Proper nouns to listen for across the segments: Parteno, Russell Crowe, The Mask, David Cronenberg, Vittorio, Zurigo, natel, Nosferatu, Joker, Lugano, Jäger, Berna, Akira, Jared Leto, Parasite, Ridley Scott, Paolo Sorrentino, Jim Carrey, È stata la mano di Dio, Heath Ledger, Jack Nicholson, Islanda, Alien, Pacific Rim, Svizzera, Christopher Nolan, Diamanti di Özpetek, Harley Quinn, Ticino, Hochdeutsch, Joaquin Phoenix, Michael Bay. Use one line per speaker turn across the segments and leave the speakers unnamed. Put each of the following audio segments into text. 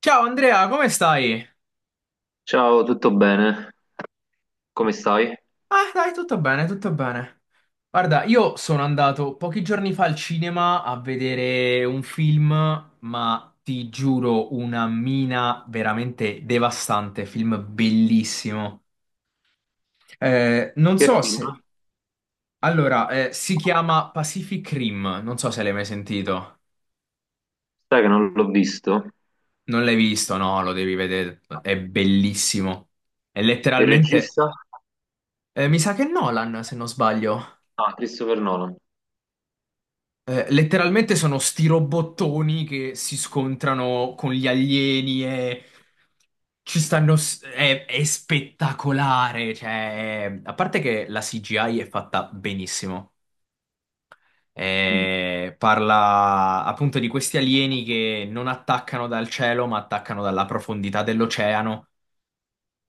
Ciao Andrea, come stai?
Ciao, tutto bene? Come stai?
Ah, dai, tutto bene, tutto bene. Guarda, io sono andato pochi giorni fa al cinema a vedere un film, ma ti giuro, una mina veramente devastante, film bellissimo. Non
Che
so
film?
se... Allora, si chiama Pacific Rim, non so se l'hai mai sentito.
Sai che non l'ho visto.
Non l'hai visto? No, lo devi vedere, è bellissimo. È
Il
letteralmente...
regista?
mi sa che è Nolan, se non sbaglio.
Ah, Christopher Nolan.
Letteralmente sono sti robottoni che si scontrano con gli alieni e ci stanno. È spettacolare. Cioè, a parte che la CGI è fatta benissimo.
Mm.
Parla appunto di questi alieni che non attaccano dal cielo, ma attaccano dalla profondità dell'oceano.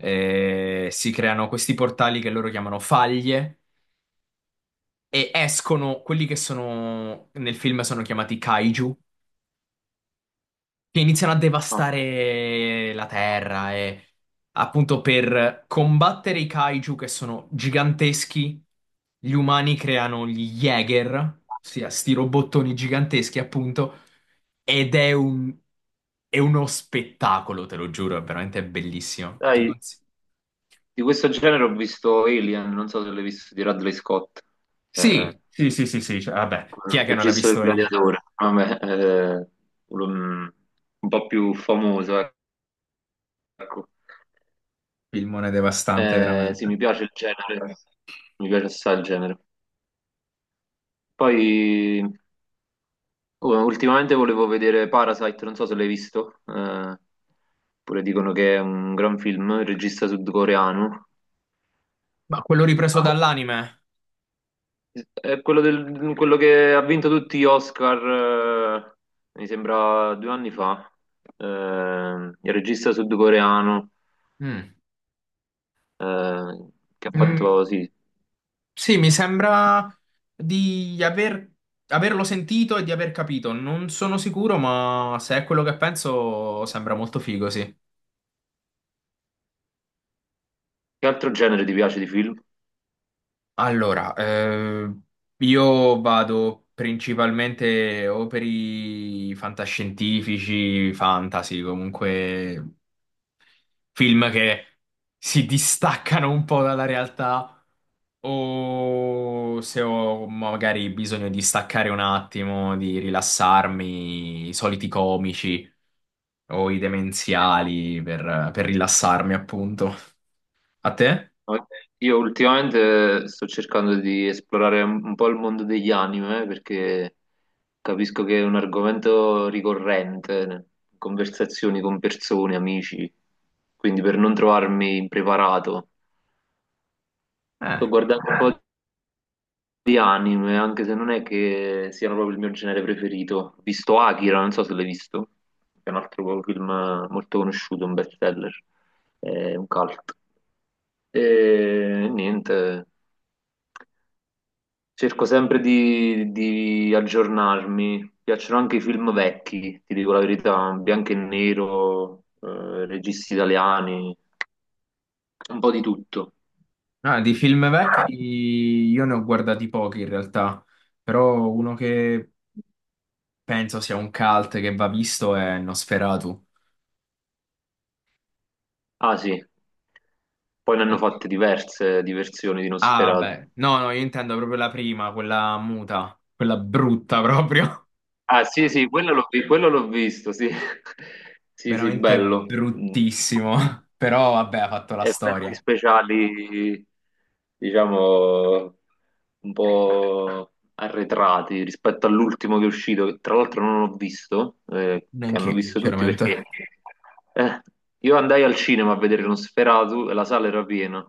Si creano questi portali che loro chiamano faglie e escono quelli che sono nel film sono chiamati kaiju che iniziano a
Ah.
devastare la terra e appunto per combattere i kaiju che sono giganteschi, gli umani creano gli Jäger, ossia sti robottoni giganteschi appunto, ed è un... è uno spettacolo, te lo giuro, è veramente bellissimo. Ti
Dai,
consiglio.
di questo genere ho visto Alien, non so se l'hai visto, di Ridley Scott, il
Sì, sì, sì, sì, sì, cioè, vabbè, chi è che non ha
regista del
visto Alien?
Gladiatore. Vabbè, un, un po' più famoso, ecco.
Filmone devastante,
Sì,
veramente.
mi piace il genere, mi piace assai il genere. Poi oh, ultimamente volevo vedere Parasite, non so se l'hai visto, pure dicono che è un gran film, il regista sudcoreano.
Ma quello ripreso dall'anime?
È quello, quello che ha vinto tutti gli Oscar, eh, mi sembra due anni fa, il regista sudcoreano,
Mm.
eh, che ha
Mm,
fatto, sì,
Sì, mi sembra di aver- averlo sentito e di aver capito. Non sono sicuro, ma se è quello che penso, sembra molto figo, sì.
che altro genere ti piace di film?
Allora, io vado principalmente o per i fantascientifici, fantasy, comunque film che si distaccano un po' dalla realtà o se ho magari bisogno di staccare un attimo, di rilassarmi, i soliti comici o i
Sì.
demenziali per rilassarmi, appunto. A te?
No, io ultimamente sto cercando di esplorare un po' il mondo degli anime perché capisco che è un argomento ricorrente in conversazioni con persone, amici, quindi per non trovarmi impreparato.
Eh,
Sto guardando un po' di anime, anche se non è che siano proprio il mio genere preferito. Ho visto Akira, non so se l'hai visto, che è un altro film molto conosciuto, un bestseller, è un cult. E niente. Cerco sempre di aggiornarmi. Mi piacciono anche i film vecchi, ti dico la verità, bianco e nero, registi italiani, un po' di tutto.
ah, di film vecchi io ne ho guardati pochi in realtà, però uno che penso sia un cult che va visto è Nosferatu.
Ah sì, poi ne hanno fatte diverse di versioni di
Ah,
Nosferatu.
vabbè. No, no, io intendo proprio la prima, quella muta, quella brutta proprio.
Ah sì, sì, quello l'ho visto, sì. Sì, sì,
Veramente
bello.
bruttissimo, però vabbè, ha fatto la
Effetti
storia.
speciali, diciamo, un po' arretrati rispetto all'ultimo che è uscito, che tra l'altro non ho visto, che hanno
Neanch'io,
visto tutti
sinceramente.
perché eh, io andai al cinema a vedere Nosferatu e la sala era piena.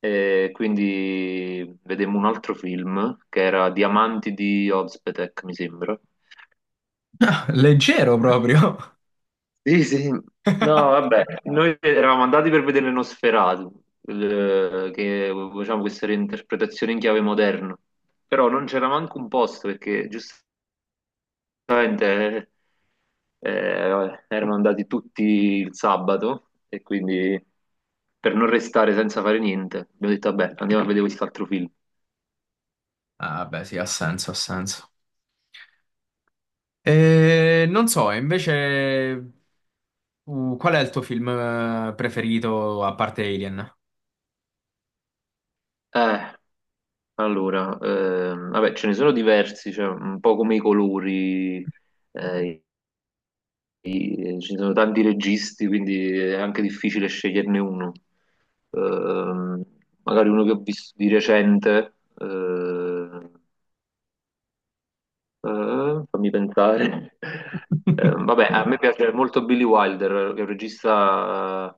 E quindi vedemmo un altro film che era Diamanti di Özpetek, mi sembra.
Leggero proprio.
Sì, sì. No, vabbè, noi eravamo andati per vedere Nosferatu, che facciamo questa reinterpretazione in chiave moderna, però non c'era manco un posto perché giustamente erano andati tutti il sabato e quindi per non restare senza fare niente abbiamo detto vabbè, andiamo a vedere quest'altro film.
Ah, vabbè, sì, ha senso, ha senso. E non so, e invece, qual è il tuo film preferito a parte Alien?
Eh, allora, vabbè, ce ne sono diversi, cioè, un po' come i colori, eh, ci sono tanti registi, quindi è anche difficile sceglierne uno. Ehm, Magari uno che ho visto di recente, fammi pensare. Vabbè, a me piace molto Billy Wilder, che è un regista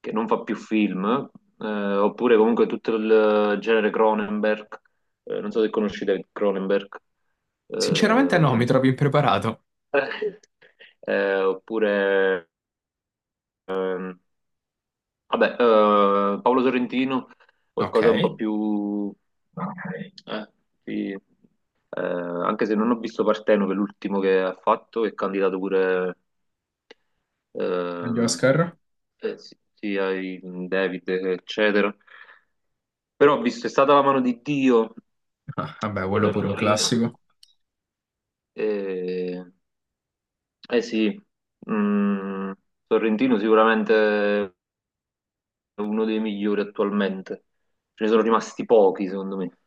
che non fa più film, eh, oppure comunque tutto il genere Cronenberg. Non so se conosci David Cronenberg.
Sinceramente no, mi
Eh,
trovi impreparato.
oppure ehm, Vabbè, Paolo Sorrentino,
Ok,
qualcosa un po' più... eh, sì, anche se non ho visto Parteno, che è l'ultimo che ha fatto, è candidato pure
agli
ehm,
Oscar.
sì, sì, ai David, eccetera. Però ho visto È stata la mano di Dio,
Ah, vabbè, quello
quello era
pure un
carino.
classico.
Eh, eh sì, mm, Sorrentino sicuramente è uno dei migliori attualmente. Ce ne sono rimasti pochi, secondo me.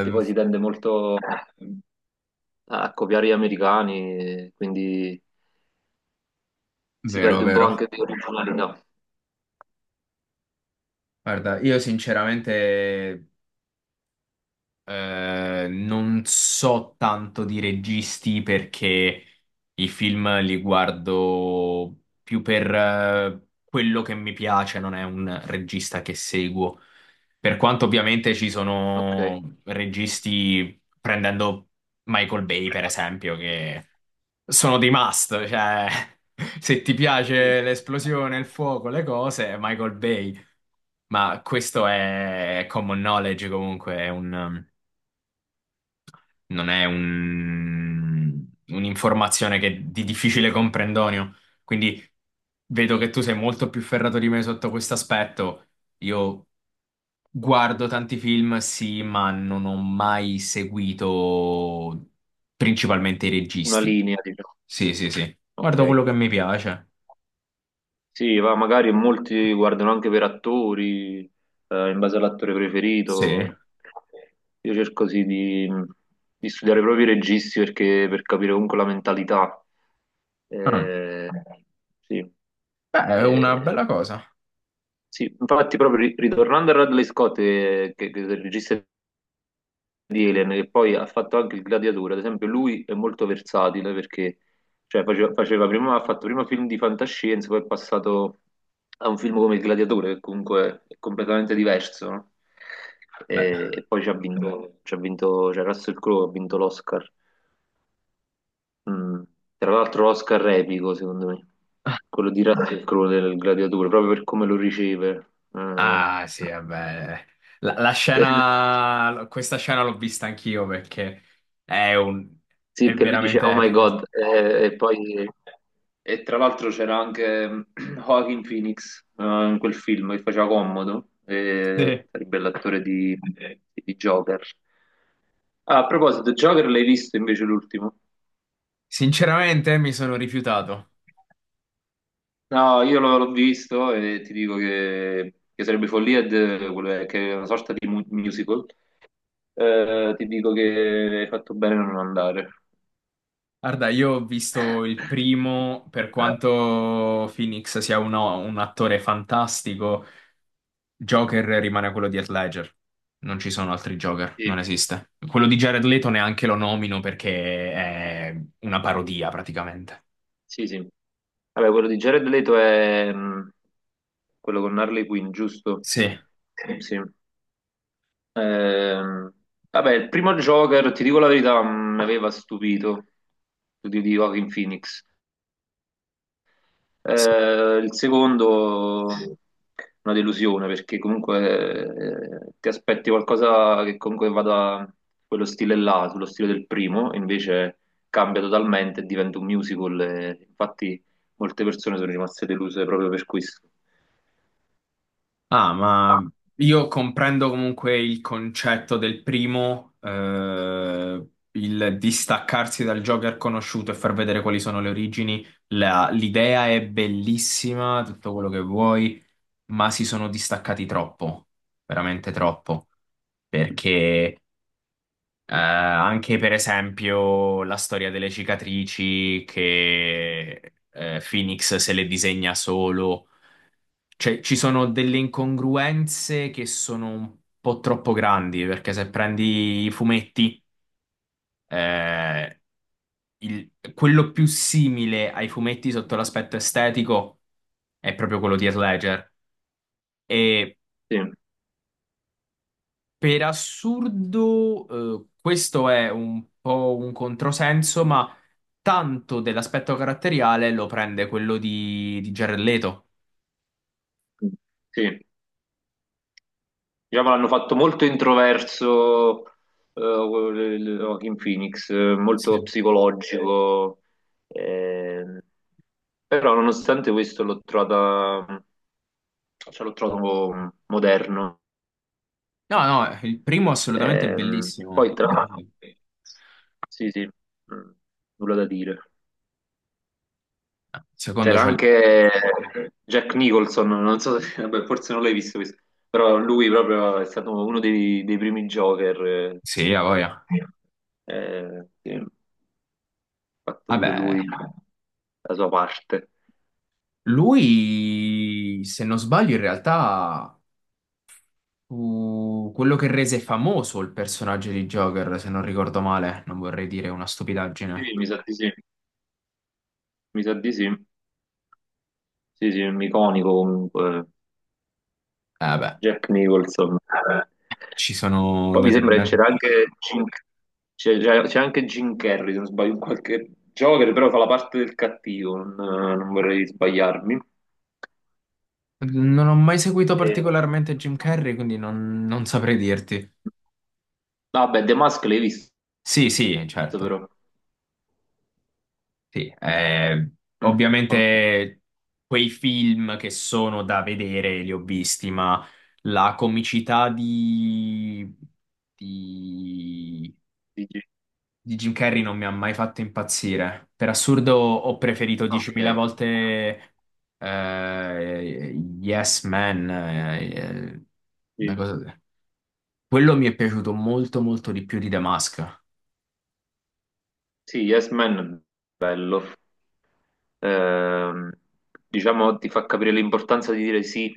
Che poi si tende molto a copiare gli americani, quindi si
vero,
perde un po'
vero.
anche di originalità.
Guarda, io sinceramente. Non so tanto di registi perché i film li guardo più per quello che mi piace, non è un regista che seguo. Per quanto ovviamente ci
Ok.
sono registi, prendendo Michael Bay per esempio, che sono dei must, cioè se ti
Sì.
piace l'esplosione, il fuoco, le cose, Michael Bay. Ma questo è common knowledge comunque, non è un'informazione che è di difficile comprendonio. Quindi vedo che tu sei molto più ferrato di me sotto questo aspetto. Io guardo tanti film, sì, ma non ho mai seguito principalmente i
Una
registi.
linea, diciamo.
Sì, sì, sì. Guardo
Ok.
quello che mi piace.
Sì, va, magari molti guardano anche per attori, in base all'attore
Sì.
preferito. Io cerco sì di studiare proprio i registi perché, per capire comunque la mentalità.
Ah.
Eh, sì.
Beh, è una
Eh,
bella cosa.
Sì, infatti proprio ritornando a Radley Scott, che è il regista di Alien, che poi ha fatto anche il Gladiatore, ad esempio lui è molto versatile perché cioè, ha fatto prima film di fantascienza, poi è passato a un film come il Gladiatore, che comunque è completamente diverso, no?
Beh.
E poi ci ha vinto, cioè Russell Crowe ha vinto l'Oscar, mm, tra l'altro l'Oscar epico secondo me, quello di Russell Crowe del Gladiatore, proprio per come lo riceve. Eh.
Ah, sì, vabbè. La, la scena, questa scena l'ho vista anch'io perché è un,
Sì,
è
che lui dice
veramente
Oh my
epica.
God, e poi e tra l'altro c'era anche mm, Joaquin Phoenix in quel film che faceva comodo, e
Sì.
sarebbe l'attore di Joker. Ah, a proposito, Joker l'hai visto invece l'ultimo?
Sinceramente mi sono rifiutato.
No, io l'ho visto e ti dico che sarebbe follia, quello che è una sorta di musical. Ti dico che hai fatto bene a non andare.
Guarda, io ho visto il primo, per quanto Phoenix sia un attore fantastico, Joker rimane quello di Heath Ledger. Non ci sono altri Joker, non
Sì.
esiste. Quello di Jared Leto neanche lo nomino perché è una parodia praticamente.
Sì, sì. Vabbè, quello di Jared Leto è quello con Harley Quinn, giusto?
Sì.
Sì. Ehm, Vabbè, il primo Joker, ti dico la verità, mi aveva stupito, studio di Joaquin Phoenix.
Sì.
Il secondo, una delusione, perché comunque ti aspetti qualcosa che comunque vada quello stile là, sullo stile del primo, e invece cambia totalmente e diventa un musical. E infatti molte persone sono rimaste deluse proprio per questo.
Ah, ma io comprendo comunque il concetto del primo, il distaccarsi dal Joker conosciuto e far vedere quali sono le origini. L'idea è bellissima, tutto quello che vuoi, ma si sono distaccati troppo, veramente troppo, perché anche per esempio la storia delle cicatrici che Phoenix se le disegna solo, cioè, ci sono delle incongruenze che sono un po' troppo grandi, perché se prendi i fumetti, eh, quello più simile ai fumetti sotto l'aspetto estetico è proprio quello di Heath Ledger. E
Sì,
per assurdo, questo è un po' un controsenso, ma tanto dell'aspetto caratteriale lo prende quello di Jared Leto.
sì. Diciamo l'hanno fatto molto introverso eh, il- Joaquin Phoenix, molto
Sì.
psicologico. ehm, Però nonostante questo cioè l'ho trovato moderno.
No, no, il primo assolutamente è bellissimo,
Poi tra l'altro,
il
sì, sì, mm, nulla da dire.
secondo
C'era
cioè.
anche Jack Nicholson, non so se, vabbè, forse non l'hai visto questo, però lui proprio è stato uno dei primi Joker,
Sì, a voglia.
sì, ha fatto pure lui
Vabbè,
la sua parte.
lui, se non sbaglio, in realtà fu quello che rese famoso il personaggio di Joker, se non ricordo male. Non vorrei dire una stupidaggine.
Sì, mi sa di sì, mi sa di sì, sì, sì, è un iconico comunque.
Eh beh,
Jack Nicholson. Eh.
ci sono
Poi mi sembra che
determinati...
c'era anche c'è anche Jim Carrey, se non sbaglio, in qualche Joker, però fa la parte del cattivo, non vorrei sbagliarmi.
Non ho mai seguito
E...
particolarmente Jim Carrey, quindi non saprei dirti.
Vabbè, The Mask l'hai visto
Sì, sì, certo.
però.
Sì,
Mm, ok.
ovviamente quei film che sono da vedere li ho visti, ma la comicità di,
Dici-
di Jim Carrey non mi ha mai fatto impazzire. Per assurdo ho preferito 10.000
ok.
volte eh, Yes Man, una
Sì,
cosa- quello mi è piaciuto molto molto di più di The Mask,
sì, Yes Man è bello. ehm, diciamo, ti fa capire l'importanza di dire sì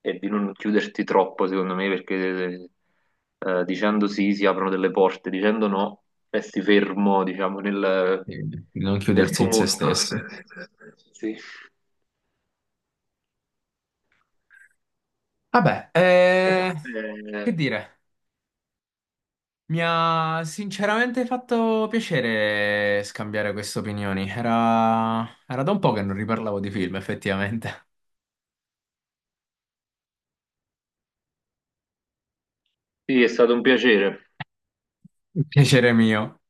e di non chiuderti troppo, secondo me, perché dicendo sì si aprono delle porte, dicendo no resti fermo, diciamo, nel,
eh, non
nel
chiudersi
tuo
in se
mondo.
stessi.
Sì.
Vabbè, che
Eh,
dire? Mi ha sinceramente fatto piacere scambiare queste opinioni. Era da un po' che non riparlavo di film, effettivamente.
sì, è stato un piacere.
Piacere mio.